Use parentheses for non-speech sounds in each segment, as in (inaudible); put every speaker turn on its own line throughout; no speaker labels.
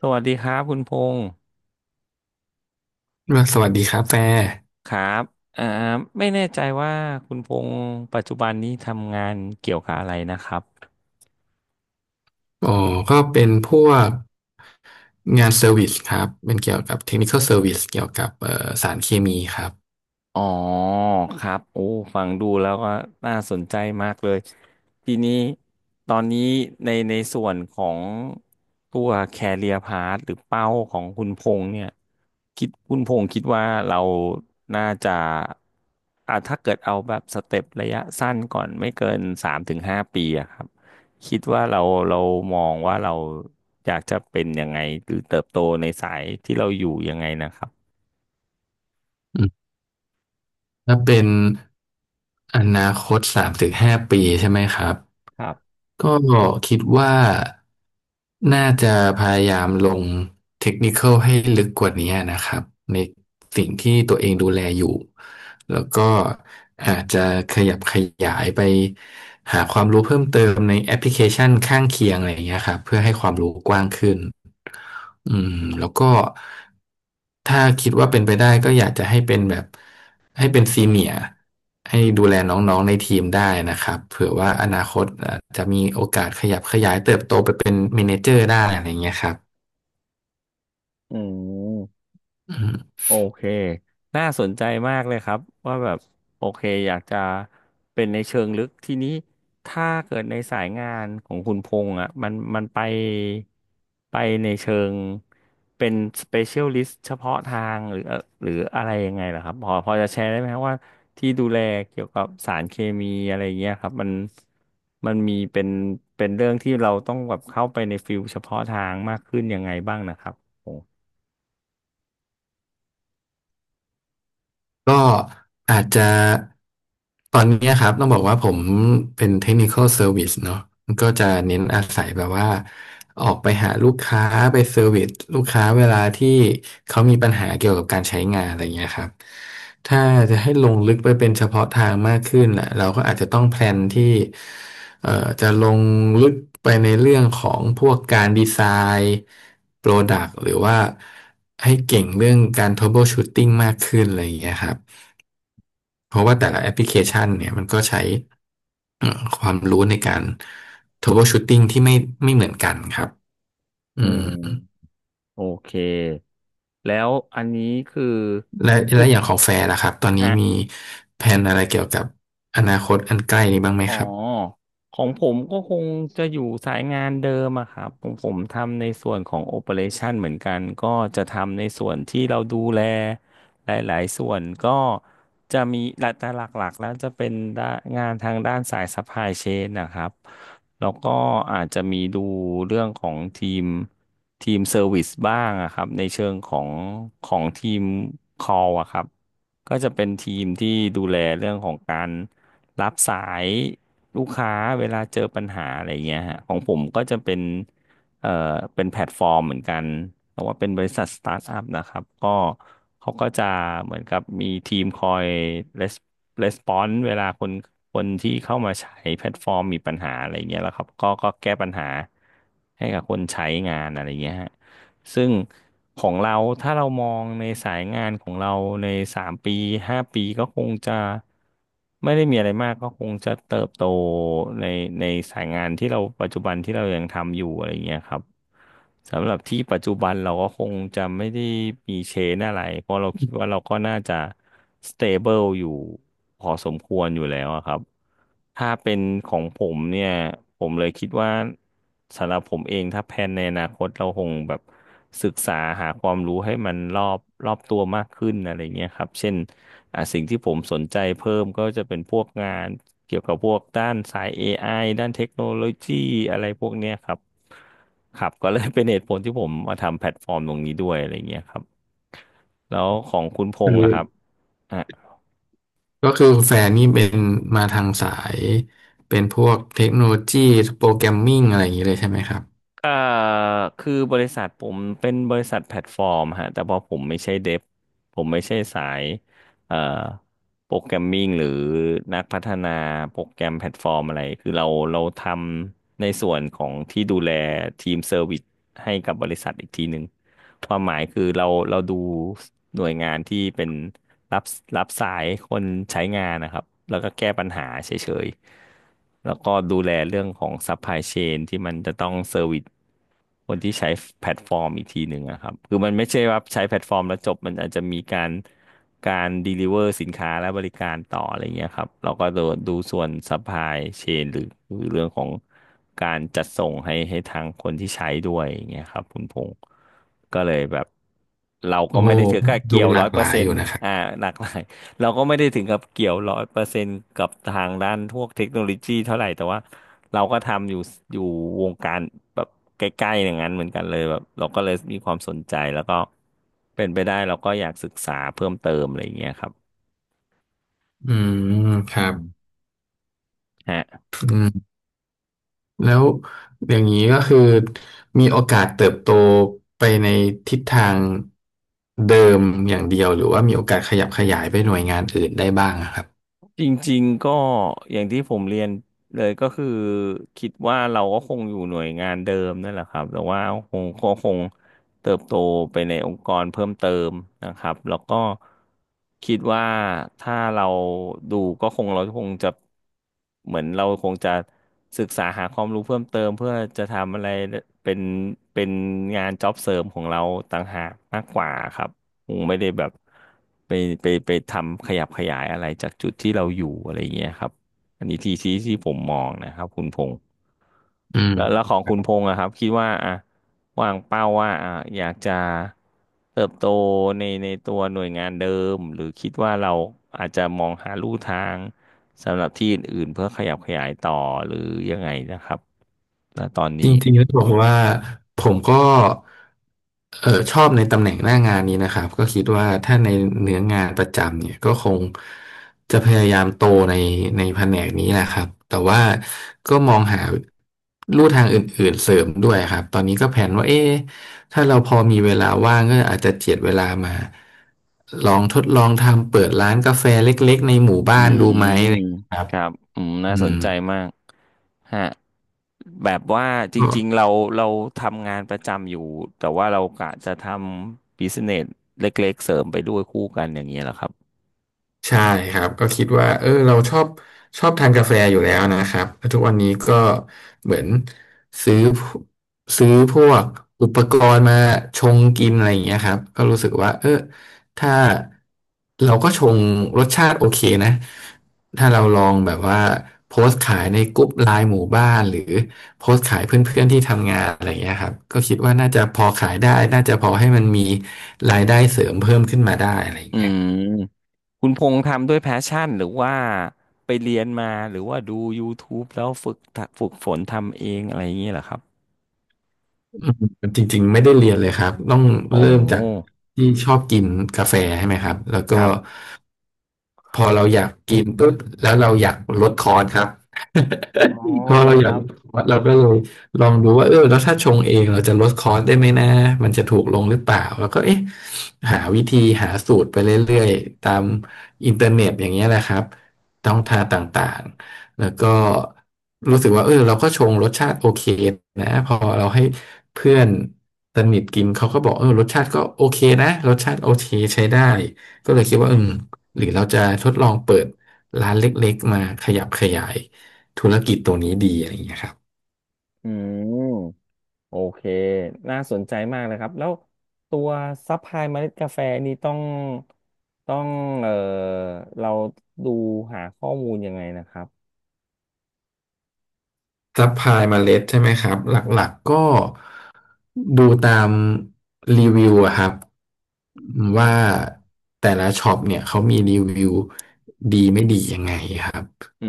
สวัสดีครับคุณพงศ์
สวัสดีครับแฟร์
ครับอ่าไม่แน่ใจว่าคุณพงศ์ปัจจุบันนี้ทำงานเกี่ยวกับอะไรนะครับ
อ๋อก็เป็นพวกงานเซอร์วิสครับ เป็นเกี่ยวกับเทคนิคอลเซอร์วิสเกี่ยวกับสารเคมีครับ
อ๋อครับโอ้ฟังดูแล้วก็น่าสนใจมากเลยทีนี้ตอนนี้ในส่วนของตัวแคเรียพาธหรือเป้าของคุณพงษ์เนี่ยคุณพงษ์คิดว่าเราน่าจะอ่ะถ้าเกิดเอาแบบสเต็ประยะสั้นก่อนไม่เกินสามถึงห้าปีอะครับคิดว่าเราเรามองว่าเราอยากจะเป็นยังไงหรือเติบโตในสายที่เราอยู่ยังไงนะครับ
อืมถ้าเป็นอนาคต3 ถึง 5 ปีใช่ไหมครับ
ครับ
ก็คิดว่าน่าจะพยายามลงเทคนิคอลให้ลึกกว่านี้นะครับในสิ่งที่ตัวเองดูแลอยู่แล้วก็อาจจะขยับขยายไปหาความรู้เพิ่มเติมในแอปพลิเคชันข้างเคียงอะไรอย่างเงี้ยครับเพื่อให้ความรู้กว้างขึ้นอืมแล้วก็ ถ้าคิดว่าเป็นไปได้ก็อยากจะให้เป็นแบบให้เป็นซีเนียร์ให้ดูแลน้องๆในทีมได้นะครับเผื่อว่าอนาคตอาจจะมีโอกาสขยับขยายเติบโตไปเป็นเมเนเจอร์ได้อะไรเงี้ยครับ
อืม
อืม
โอเค น่าสนใจมากเลยครับว่าแบบโอเคอยากจะเป็นในเชิงลึกทีนี้ถ้าเกิดในสายงานของคุณพงษ์อ่ะมันไปในเชิงเป็น specialist เฉพาะทางหรือหรืออะไรยังไงเหรอครับพอจะแชร์ได้ไหมครับว่าที่ดูแลเกี่ยวกับสารเคมีอะไรอย่างเงี้ยครับมันมีเป็นเรื่องที่เราต้องแบบเข้าไปในฟิลเฉพาะทางมากขึ้นยังไงบ้างนะครับผม
ก็อาจจะตอนเนี้ยครับต้องบอกว่าผมเป็น Technical Service เนอะก็จะเน้นอาศัยแบบว่าออกไปหาลูกค้าไปเซอร์วิสลูกค้าเวลาที่เขามีปัญหาเกี่ยวกับการใช้งานอะไรเงี้ยครับถ้าจะให้ลงลึกไปเป็นเฉพาะทางมากขึ้นน่ะเราก็อาจจะต้องแพลนที่เอ่อจะลงลึกไปในเรื่องของพวกการดีไซน์โปรดักต์หรือว่า ให้เก่งเรื่องการ troubleshooting มากขึ้นอะไรอย่างเงี้ยครับ เพราะว่าแต่ละแอปพลิเคชันเนี่ยมันก็ใช้ความรู้ในการ troubleshooting ที่ไม่เหมือนกันครับอื
อืม
ม
โอเคแล้วอันนี้คือ
และ
คือ
และอย่างของแฟร์ล่ะครับตอนนี้
ฮะ
มีแผนอะไรเกี่ยวกับอนาคตอันใกล้นี้บ้างไหม
อ๋อ
ครับ
ของผมก็คงจะอยู่สายงานเดิมอะครับผมทำในส่วนของโอ e r a t i o n เหมือนกันก็จะทำในส่วนที่เราดูแลหลายๆส่วนก็จะมีหลักแต่หลักๆแล้วจะเป็นด้านงานทางด้านสาย supply chain นะครับแล้วก็อาจจะมีดูเรื่องของทีมเซอร์วิสบ้างอะครับในเชิงของของทีม call อะครับก็จะเป็นทีมที่ดูแลเรื่องของการ รับสายลูกค้าเวลาเจอปัญหาอะไรเงี้ยฮะของผมก็จะเป็นเอ่อเป็นแพลตฟอร์มเหมือนกันแต่ว่าเป็นบริษัทสตาร์ทอัพนะครับก็เขาก็จะเหมือนกับมีทีมคอยレスปอนส์เวลาคนที่เข้ามาใช้แพลตฟอร์มมีปัญหาอะไรเงี้ยแล้วครับก็แก้ปัญหาให้กับคนใช้งานอะไรเงี้ยฮะ ซึ่งของเราถ้าเรามองในสายงานของเราในสามปีห้าปีก็คงจะไม่ได้มีอะไรมากก็คงจะเติบโตในในสายงานที่เราปัจจุบันที่เรายังทำอยู่อะไรเงี้ยครับสำหรับที่ปัจจุบันเราก็คงจะไม่ได้มีเชนอะไรเพราะเราคิดว่าเราก็น่าจะสเตเบิลอยู่พอสมควรอยู่แล้วอะครับ ถ้าเป็นของผมเนี่ยผมเลยคิดว่าสำหรับผมเองถ้าแพลนในอนาคตเราคงแบบศึกษาหาความรู้ให้มันรอบตัวมากขึ้นอะไรเงี้ยครับเช่นอ่ะสิ่งที่ผมสนใจเพิ่มก็จะเป็นพวกงานเกี่ยวกับพวกด้านสาย AI ด้านเทคโนโลยีอะไรพวกเนี้ยครับครับก็เลยเป็นเหตุผลที่ผมมาทำแพลตฟอร์มตรงนี้ด้วยอะไรเงี้ยครับแล้วของคุณพ
คื
งษ์
อ
อะครับ
ก็คือแฟนนี่เป็นมาทางสายเป็นพวกเทคโนโลยีโปรแกรมมิ่งอะไรอย่างนี้เลยใช่ไหมครับ
เอ่อคือบริษัทผมเป็นบริษัทแพลตฟอร์มฮะแต่พอผมไม่ใช่เดฟผมไม่ใช่สายเอ่อโปรแกรมมิ่งหรือนักพัฒนาโปรแกรมแพลตฟอร์มอะไรคือเราทำในส่วนของที่ดูแลทีมเซอร์วิสให้กับบริษัทอีกทีหนึ่งความหมายคือเราดูหน่วยงานที่เป็น รับรับสายคนใช้งานนะครับแล้วก็แก้ปัญหาเฉยๆแล้วก็ดูแลเรื่องของซัพพลายเชนที่มันจะต้องเซอร์วิสคนที่ใช้แพลตฟอร์มอีกทีหนึ่งนะครับคือมันไม่ใช่ว่าใช้แพลตฟอร์มแล้วจบมันอาจจะมีการการด e ลิเวอร์สินค้าและบริการต่ออะไรเงี้ยครับเราก็ดูส่วนซัพพลายเชนหรือหรือเรื่องของการจัดส่งให้ทางคนที่ใช้ด้วยอย่างเงี้ยครับคุณพงษ์ก็เลยแบบ เราก็
โอ้โห
ไม่ได้ถือกับ
ดู
เกี่ยว
หลา
ร้อย
ก
เป
ห
อร์
ลาย
เซ็
อ
น
ยู่
ต์
นะครับ
อ่าหลากหลาย (laughs) เราก็ไม่ได้ถึงกับเกี่ยวร้อยเปอร์เซ็นต์กับทางด้านพวกเทคโนโลยีเท่าไหร่แต่ว่าเราก็ทำอยู่วงการแบบใกล้ๆอย่างนั้นเหมือนกันเลยแบบเราก็เลยมีความสนใจแล้วก็เป็นไปได้เราก็อยากศึกษาเพิ่มเติมอะไรอย่างเงี้ยครับ
อืมค
อื
รับ
มฮะ
อืม แล้วอย่างนี้ก็คือมีโอกาสเติบโตไปในทิศทางเดิมอย่างเดียวหรือว่ามีโอกาสขยับขยายไปหน่วยงานอื่นได้บ้างอะครับ
จริงๆก็อย่างที่ผมเรียนเลยก็คือคิดว่าเราก็คงอยู่หน่วยงานเดิมนั่นแหละครับแต่ว่าก็คงเติบโตไปในองค์กรเพิ่มเติมนะครับแล้วก็คิดว่าถ้าเราดูก็คงเราคงจะเหมือนเราคงจะศึกษาหาความรู้เพิ่มเติมเพื่อจะทำอะไรเป็นเป็นงานจ็อบเสริมของเราต่างหากมากกว่าครับ คงไม่ได้แบบไปไปทำขยับขยายอะไรจากจุดที่เราอยู่อะไรอย่างเงี้ยครับอันนี้ที่ผมมองนะครับคุณพงษ์
อืม
แล้วของคุณพงษ์อะครับคิดว่าอะวางเป้าว่าอะอยากจะเติบโตในตัวหน่วยงานเดิมหรือคิดว่าเราอาจจะมองหาลู่ทางสำหรับที่อื่นๆเพื่อขยับขยายต่อหรือยังไงนะครับณตอน
จร
นี้
ิงๆแล้วบอกว่าผมก็เออชอบในตำแหน่งหน้างานนี้นะครับก็คิดว่าถ้าในเนื้องานประจำเนี่ยก็คงจะพยายามโตในในแผนกนี้แหละครับแต่ว่าก็มองหาลู่ทางอื่นๆเสริมด้วยครับตอนนี้ก็แผนว่าเอ๊ะถ้าเราพอมีเวลาว่างก็อาจจะเจียดเวลามาลองทดลองทำเปิดร้านกาแฟเล็กๆในหมู่
อื
บ้านดู
ม
ไหมนะครับ
ครับอืมน่า
อื
สน
ม
ใจมากฮะแบบว่าจริงๆเราทำงานประจำอยู่แต่ว่าเรากะจะทำบิสเนสเล็กๆเสริมไปด้วยคู่กันอย่างเงี้ยเหรอครับ
ใช่ครับก็คิดว่าเออเราชอบชอบทานกาแฟอยู่แล้วนะครับแล้วทุกวันนี้ก็เหมือนซื้อซื้อพวกอุปกรณ์มาชงกินอะไรอย่างเงี้ยครับก็รู้สึกว่าเออถ้าเราก็ชงรสชาติโอเคนะถ้าเราลองแบบว่าโพสต์ขายในกลุ่มไลน์หมู่บ้านหรือโพสต์ขายเพื่อนๆที่ทำงานอะไรอย่างเงี้ยครับก็คิดว่าน่าจะพอขายได้น่าจะพอให้มันมีรายได้เสริมเพิ่มขึ้นมาได้อะไรอย่า
อื
งเงี้ย
มคุณพงษ์ทำด้วยแพชชั่นหรือว่าไปเรียนมาหรือว่าดู YouTube แล้วฝึกฝึกฝนทำเองอะไรอย่างเงี้ยเหรอครับ
อืมจริงๆไม่ได้เรียนเลยครับต้อง
โอ้
เริ่มจากที่ชอบกินกาแฟใช่ไหมครับแล้ว
ค
ก็
รับ
พอเราอยากกินปุ๊บแล้วเราอยากลดคอร์สครับ
อ๋อ
(laughs) พอ
เหรอ
เรา
ค
อยาก
รั
ลด
บ
คอร์สเราก็เลยลองดูว่าเออแล้วถ้าชงเองเราจะลดคอร์สได้ไหมนะมันจะถูกลงหรือเปล่าแล้วก็เอ๊ะหาวิธีหาสูตรไปเรื่อยๆตามอินเทอร์เน็ตอย่างเงี้ยแหละครับต้องทางต่างๆแล้วก็รู้สึกว่าเออเราก็ชงรสชาติโอเคนะพอเราให้เพื่อนสนิทกินเขาก็บอกเออรสชาติก็โอเคนะรสชาติโอเคใช้ได้ ก็เลยคิดว่าอืมหรือเราจะทดลองเปิดร้านเล็กๆมาขยับขยายธุรกิจตัวนี้ดีอะไรอย่างเงี้ยครับ
อืม โอเคน่าสนใจมากเลยครับ แล้วตัวซัพพลายเมล็ดกาแฟนี่ต้องเอ่อเราดูหาข้อมูลยังไงนะครับ
ซัพพลายเมล็ดใช่ไหมครับหลักๆก็ดูตามรีวิวอะครับ
อื
ว่า
ม
แต่ละช็อปเนี่ยเขามีรีวิวดีไม่ดียังไงครับ
อื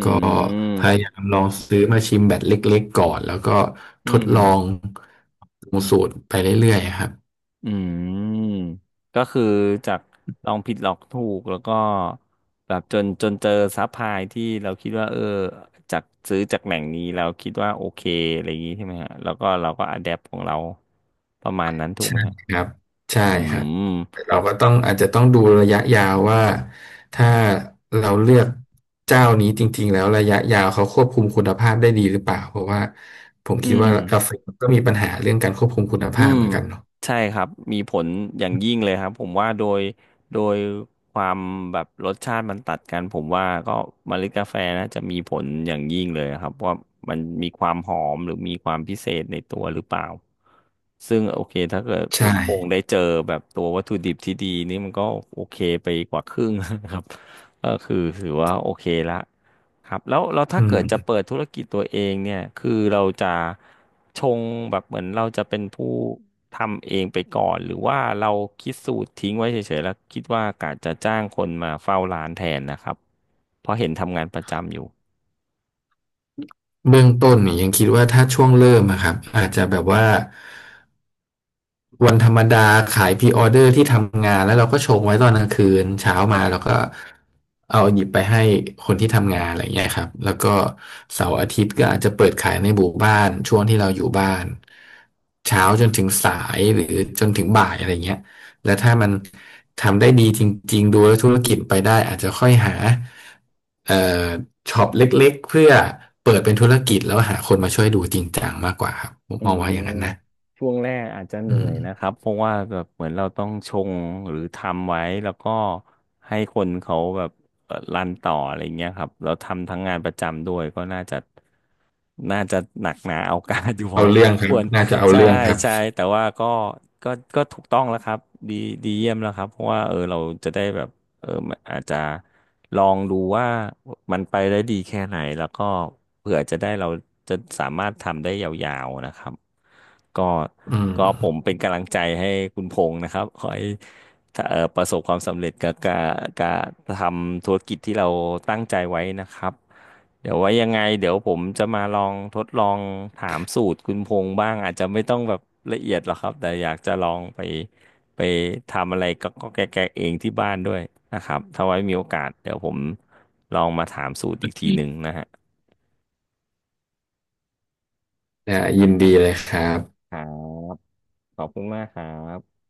พยา
ม
ยามลองซื้อมาชิมแบบเล็กๆก่อนแล้วก็
อื
ทด
ม
ลองปรุงสูตรไปเรื่อยๆครับ
อืมก็คือจากลองผิดลองถูกแล้วก็แบบจนเจอซัพพลายที่เราคิดว่าเออจากซื้อจากแหล่งนี้เราคิดว่าโอเคอะไรอย่างนี้ใช่ไหมฮะแล้วก็เราก็อะแดปของเราประมาณนั้นถูก
ใช่
ไหมฮะ
ครับใช่
อื
ครับ
ม
เราก็ต้องอาจจะต้องดูระยะยาวว่าถ้าเราเลือกเจ้านี้จริงๆแล้วระยะยาวเขาควบคุมคุณภาพได้ดีหรือเปล่าเพราะว่าผม
อื
คิด
ม
ว่ากาแฟก็มีปัญหาเรื่องการควบคุมคุณ
อื
ภาพ
ม
เหมือนกันเนาะ
ใช่ครับมีผลอย่างยิ่งเลยครับผมว่าโดยความแบบรสชาติมันตัดกันผมว่าก็เมล็ดกาแฟนะจะมีผลอย่างยิ่งเลยครับว่ามันมีความหอมหรือมีความพิเศษในตัวหรือเปล่าซึ่งโอเคถ้าเกิดคุณ
ใช่
พงษ์ได้เจอแบบตัววัตถุดิบที่ดีนี่มันก็โอเคไปกว่าครึ่งนะครับก็คือถือว่าโอเคละ ครับแล้วเราถ้า
อื
เกิ
ม
ดจะเปิดธุรกิจตัวเองเนี่ยคือเราจะชงแบบเหมือนเราจะเป็นผู้ทำเองไปก่อนหรือว่าเราคิดสูตรทิ้งไว้เฉยๆแล้วคิดว่ากะจะจ้างคนมาเฝ้าร้านแทนนะครับเพราะเห็นทำงานประจำอยู่
เบื้องต้นเนี่ยยังคิดว่าถ้าช่วงเริ่มอะครับอาจจะแบบว่า วันธรรมดาขายพรีออเดอร์ที่ทำงานแล้วเราก็ชงไว้ตอนกลางคืนเช้ามาเราก็เอาหยิบไปให้คนที่ทำงานอะไรเงี้ยครับแล้วก็เสาร์อาทิตย์ก็อาจจะเปิดขายในหมู่บ้านช่วงที่เราอยู่บ้านเช้าจนถึงสายหรือจนถึงบ่ายอะไรเงี้ยแล้วถ้ามันทำได้ดีจริงๆดูแล้วธุรกิจไปได้อาจจะค่อยหาเอ่อช็อปเล็กๆเพื่อเปิดเป็นธุรกิจแล้วหาคนมาช่วยดูจริงจังมากกว่าครับผม
อื
มอง
ม
ว่าอย่างนั้นนะ
ช่วงแรกอาจจะเห
อื
นื่
ม
อยนะครับเพราะว่าแบบเหมือนเราต้องชงหรือทำไว้แล้วก็ให้คนเขาแบบรันต่ออะไรเงี้ยครับเราทำทั้งงานประจำด้วยก็น่าจะหนักหนาเอาการอยู่พอ
เอาเรื่องค
(laughs)
รั
ค
บ
วร
น่าจะเอา
ใช่
เรื่องครับ
ใช่แต่ว่าก็ก็ถูกต้องแล้วครับดีดีเยี่ยมแล้วครับเพราะว่าเออเราจะได้แบบ เออมันอาจจะลองดูว่ามันไปได้ดีแค่ไหนแล้วก็เผื่อจะได้เราจะสามารถทำได้ยาวๆนะครับก็
อื
ก็ผม
ม
เป็นกำลังใจให้คุณพงษ์นะครับขอให้ถ้าประสบความสำเร็จกับการทำธุรกิจที่เราตั้งใจไว้นะครับเดี๋ยวไว้ยังไงเดี๋ยวผมจะมาลองทดลองถามสูตรคุณพงษ์บ้างอาจจะไม่ต้องแบบละเอียดหรอกครับแต่อยากจะลองไปทำอะไรก็แกะๆเองที่บ้านด้วยนะครับถ้าไว้มีโอกาสเดี๋ยวผมลองมาถามสูตรอีกทีหนึ่งนะฮะ
ได้ยินดีเลยครับ
ครับขอบคุณมากครับ